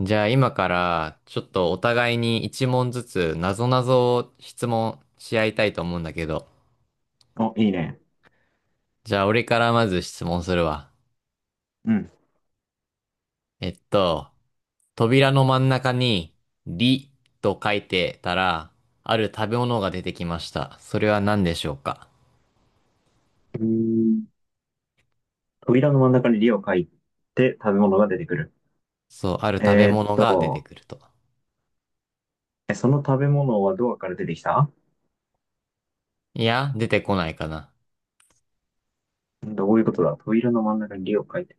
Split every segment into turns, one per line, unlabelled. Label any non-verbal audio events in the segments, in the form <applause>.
じゃあ今からちょっとお互いに一問ずつなぞなぞを質問し合いたいと思うんだけど。
お、いいね。
じゃあ俺からまず質問するわ。
うん。
えっと、扉の真ん中にりと書いてたら、ある食べ物が出てきました。それは何でしょうか？
うーん扉の真ん中に「り」を書いて食べ物が出てくる。
そう、ある食べ
えーっ
物が出て
と、
くると。
え、その食べ物はドアから出てきた？
いや、出てこないかな。
どういうことだ。扉の真ん中に「り」を書いて。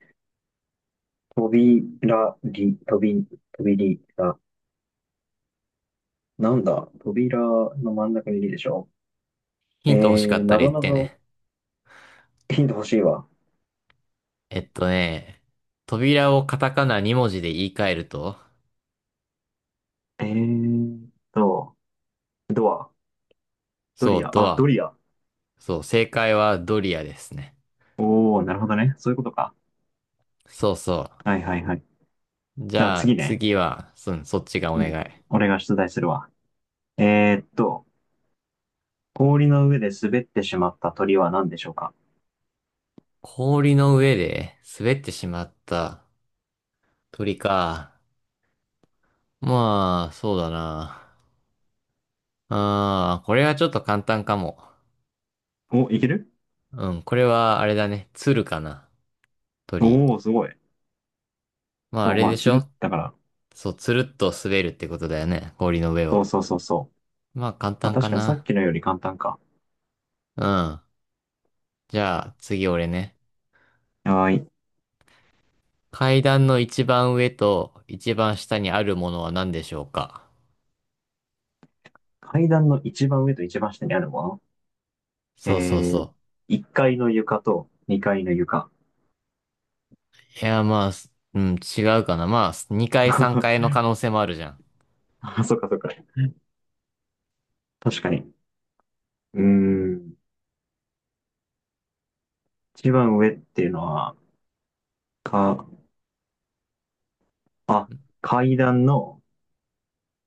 扉、り、とび、とびり、だ。なんだ。扉の真ん中に「り」でしょ？
ヒント欲しか
え
った
な
ら言っ
ぞな
て
ぞ、
ね。
ヒント欲しいわ。
えっとね、扉をカタカナ2文字で言い換えると、
えーっと、ドア、ド
そ
リ
う、
ア、
ド
あ、
ア。
ドリア。
そう、正解はドリアですね。
おー、なるほどね。そういうことか。
そうそ
はいはいはい。
う。じ
じゃあ
ゃあ
次ね。
次は、そっちがお
う
願
ん。
い。
俺が出題するわ。えーっと、氷の上で滑ってしまった鳥は何でしょうか？
氷の上で滑ってしまった鳥か。まあ、そうだな。ああ、これはちょっと簡単かも。
お、いける。
うん、これはあれだね。鶴かな。
お
鳥。
おー、すごい。
まああ
そう、
れ
ま
で
あ、
し
つ
ょ？
るだから。
そう、つるっと滑るってことだよね。氷の上
そ
を。
うそうそうそう。
まあ簡
まあ、
単か
確かにさっ
な。
きのより簡単か。
うん。じゃあ次俺ね。
はーい。
階段の一番上と一番下にあるものは何でしょうか？
階段の一番上と一番下にあるもの。え
そうそう
ー、
そ
1階の床と2階の床。
う。いや、まあ、すうん、違うかな。まあ、2回3回の
<laughs>
可能性もあるじゃん。
あ、そっかそっか。確かに。うーん。一番上っていうのは、か、あ、階段の、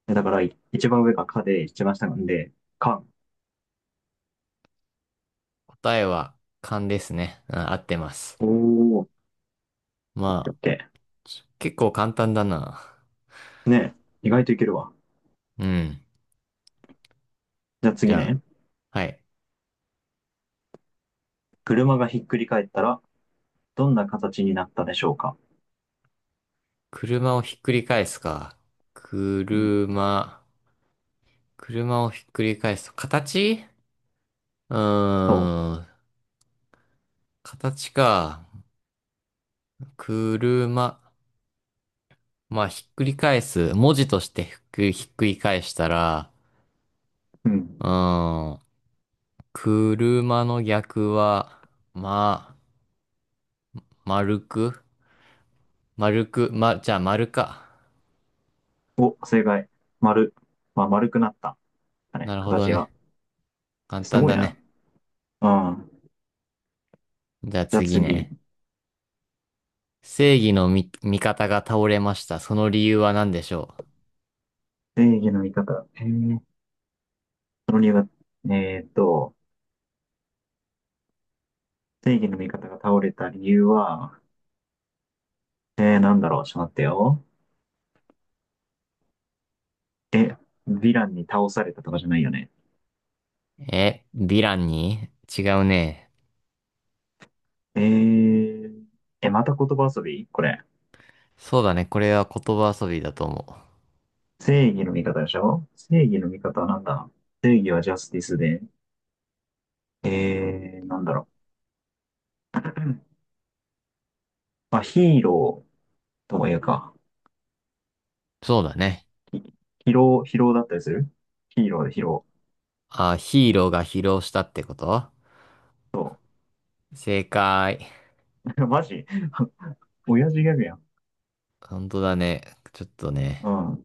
だから一番上がかで、一番下なんで、かん。
答えは勘ですね。うん、合ってます。
おー、オッケー
ま
オ
あ、
ッケ
結構簡単だな。
ー。ねえ、意外といけるわ。
うん。
じゃあ
じ
次
ゃあ、
ね。
はい。
車がひっくり返ったら、どんな形になったでしょうか？
車をひっくり返すか。
うん
車、車をひっくり返すと、形。うー
そ
ん、形か。車、まあ、ひっくり返す。文字としてひっくり返したら、
う。うん。
うーん。車の逆は、まあ、丸く丸く、ま、じゃあ丸か。
お、正解。丸。まあ、丸くなった。だ
な
ね、
るほど
形が。
ね。簡
す
単
ごい
だ
な。
ね。
うん。
じゃあ
じゃあ
次
次。
ね。正義の味方が倒れました。その理由は何でしょ
正義の味方。その理由が、えーっと、正義の味方が倒れた理由は、なんだろう。ちょっと待ってよ。え、ヴィランに倒されたとかじゃないよね。
う？ヴィランに。違うね。
えー、え、また言葉遊びこれ？
そうだね。これは言葉遊びだと思う。
正義の味方でしょ？正義の味方はなんだ。正義はジャスティスで、なんだろう。うん、まあ、ヒーローとも言うか、
そうだね。
ヒヒロー、ヒローだったりするヒーローでヒロ
あ、ヒーローが疲労したってこと？
ー。そ
正解。
う。<laughs> マジ <laughs> 親父ギャグやん。
本当だね。ちょっとね。
うん。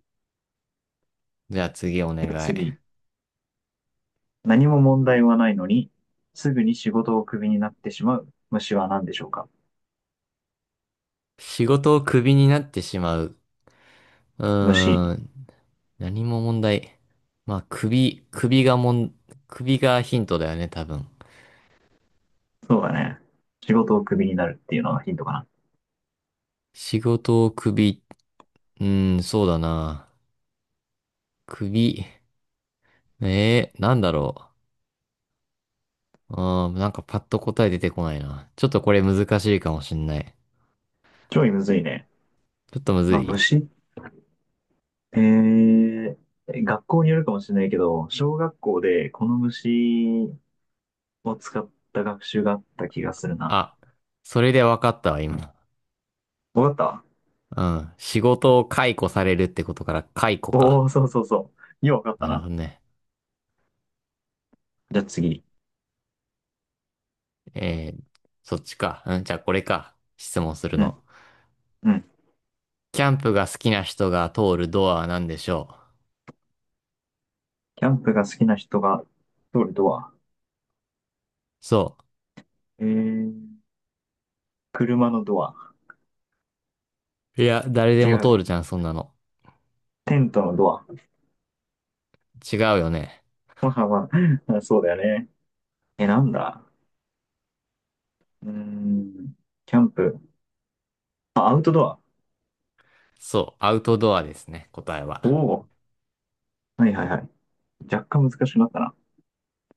じゃあ次お
じ
願
ゃあ
い。
次。何も問題はないのに、すぐに仕事をクビになってしまう虫は何でしょうか？
仕事をクビになってしまう。う
虫。
ーん。何も問題。まあ、首がヒントだよね、多分。
そうだね。仕事をクビになるっていうのがヒントかな。
仕事を首、そうだな。首、なんだろう。なんかパッと答え出てこないな。ちょっとこれ難しいかもしんない。
ちょいむずいね。
ちょっとむず
まあ、
い。
虫っえー学校によるかもしれないけど、小学校でこの虫を使った学習があった気がするな。
あ、それで分かったわ、今。
わかっ
うん。仕事を解雇されるってことから解雇
た。
か。
おおー、そうそうそう。ようわかった
なるほ
な。
どね。
じゃあ次。
えー、そっちか。うん、じゃあこれか。質問する
うん、
の。
うん。
キャンプが好きな人が通るドアは何でしょう？
キャンプが好きな人が通るドア。
そ
ええ、車のドア。
う。いや、誰で
違
も
う。
通るじゃん、そんなの。
テントのドア。
違うよね。
まあまあ、<laughs> そうだよね。え、なんだ。うーん。キャンプ。あ、アウトドア。
そう、アウトドアですね、答え
お
は。
お。はいはいはい。若干難しくなったな。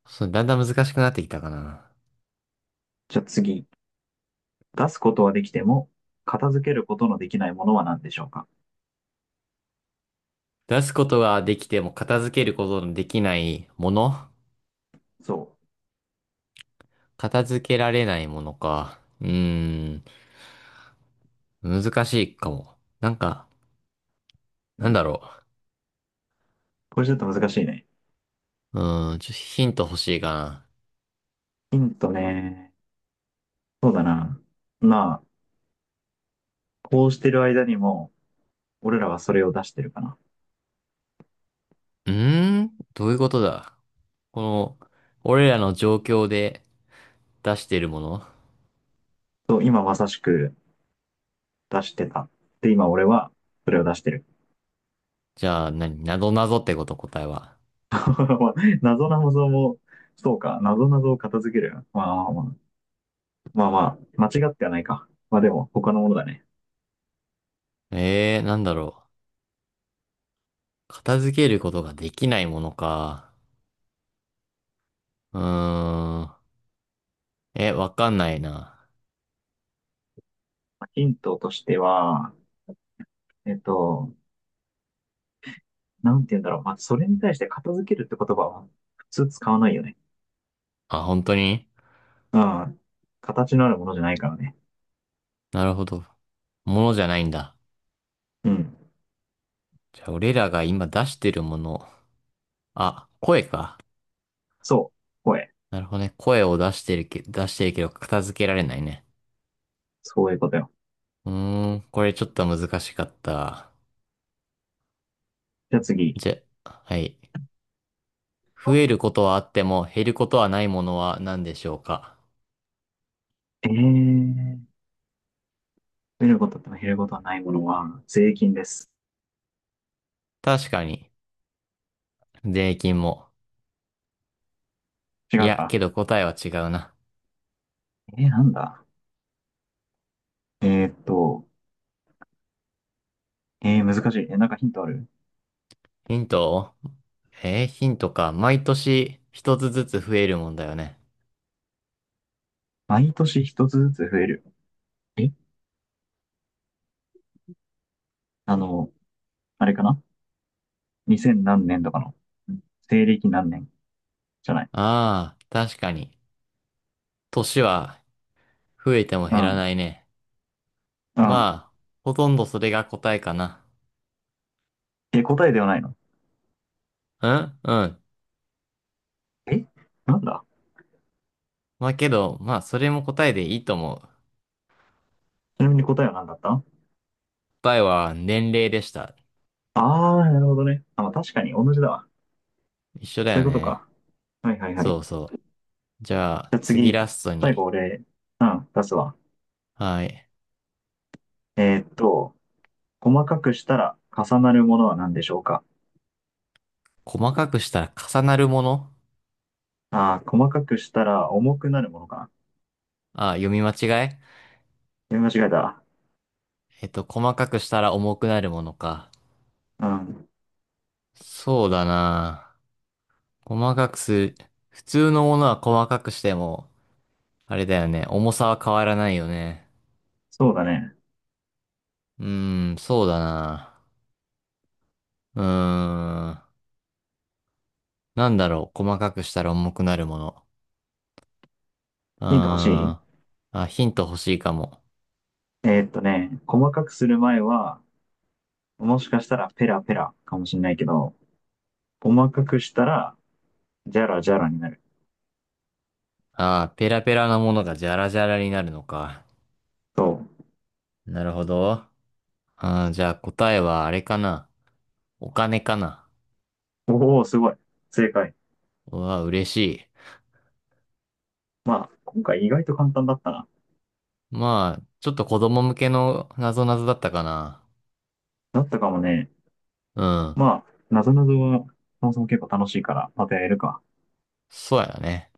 そう、だんだん難しくなってきたかな。
じゃあ次。出すことはできても、片付けることのできないものは何でしょうか？
出すことができても片付けることのできないもの。
そ
片付けられないものか。ん、難しいかも。なんか、
う。
なん
うん。
だろ
これちょっと難しいね。
う。ちょっとヒント欲しいかな。
ヒントね。そうだな。まあ、こうしてる間にも、俺らはそれを出してるかな。
どういうことだ？この、俺らの状況で出してるもの。
そう、今まさしく出してた。で、今俺はそれを出してる。
じゃあ、何なぞなぞってこと？答えは。
<laughs> まあ謎な謎も、そうか、謎な謎を片付ける。まあまあまあ、まあまあ、間違ってはないか。まあでも、他のものだね。
なんだろう。片付けることができないものか。うーん。え、わかんないな。
ヒントとしては、えっと、なんて言うんだろう。まあ、それに対して片付けるって言葉は普通使わないよね。
あ、本当に？
うん。形のあるものじゃないからね。
なるほど。ものじゃないんだ。
うん。
じゃあ、俺らが今出してるもの。あ、声か。
そう。声。
なるほどね。声を出してるけど片付けられないね。
そういうことよ。
これちょっと難しかった。
じゃあ次。
じゃ、はい。増えることはあっても減ることはないものは何でしょうか。
えー、増えることと減ることはないものは税金です。
確かに。税金も。
違
い
う
や、
か。
けど答えは違うな。
なんだ。えーっと、難しい。え、なんかヒントある？
ヒントを。ヒントか。毎年一つずつ増えるもんだよね。
毎年一つずつ増える。えあの、あれかな ?2000 何年とかの。うん、西暦何年じゃない？
ああ、確かに。年は増えても
う
減ら
ん。
ないね。
うん。
まあ、ほとんどそれが答えかな。
え、答えではないの？
うんうん。
え、なんだ？
まあけど、まあそれも答えでいいと思う。
ちなみに答えは何だった？
答えは年齢でした。
ああー、なるほどね。あ、まあ、確かに同じだわ。
一緒だ
そうい
よ
うこと
ね。
か。はいはいはい。
そうそう。じゃあ、
じゃあ
次
次、
ラスト
最
に。
後俺、うん、出すわ。
はい。
えーっと、細かくしたら重なるものは何でしょうか？
細かくしたら重なるもの？
ああー、細かくしたら重くなるものかな。
あ、読み間違え。
読み間違えた。
細かくしたら重くなるものか。
うん。
そうだな。細かくする。普通のものは細かくしても、あれだよね。重さは変わらないよね。
そうだね。
そうだな。うーん。なんだろう。細かくしたら重くなるもの。う
ヒント欲し
ー
い？
ん。あ、ヒント欲しいかも。
細かくする前は、もしかしたらペラペラかもしれないけど、細かくしたら、ジャラジャラになる。
あー、ペラペラなものがジャラジャラになるのか。
そ
なるほど。あー、じゃあ答えはあれかな。お金かな。
う。おお、すごい。正解。
うわ、嬉しい。
まあ、今回意外と簡単だったな。
まあ、ちょっと子供向けのなぞなぞだったかな。
だったかもね。
うん。
まあ、なぞなぞは、そもそも結構楽しいから、またやれるか。
そうやね。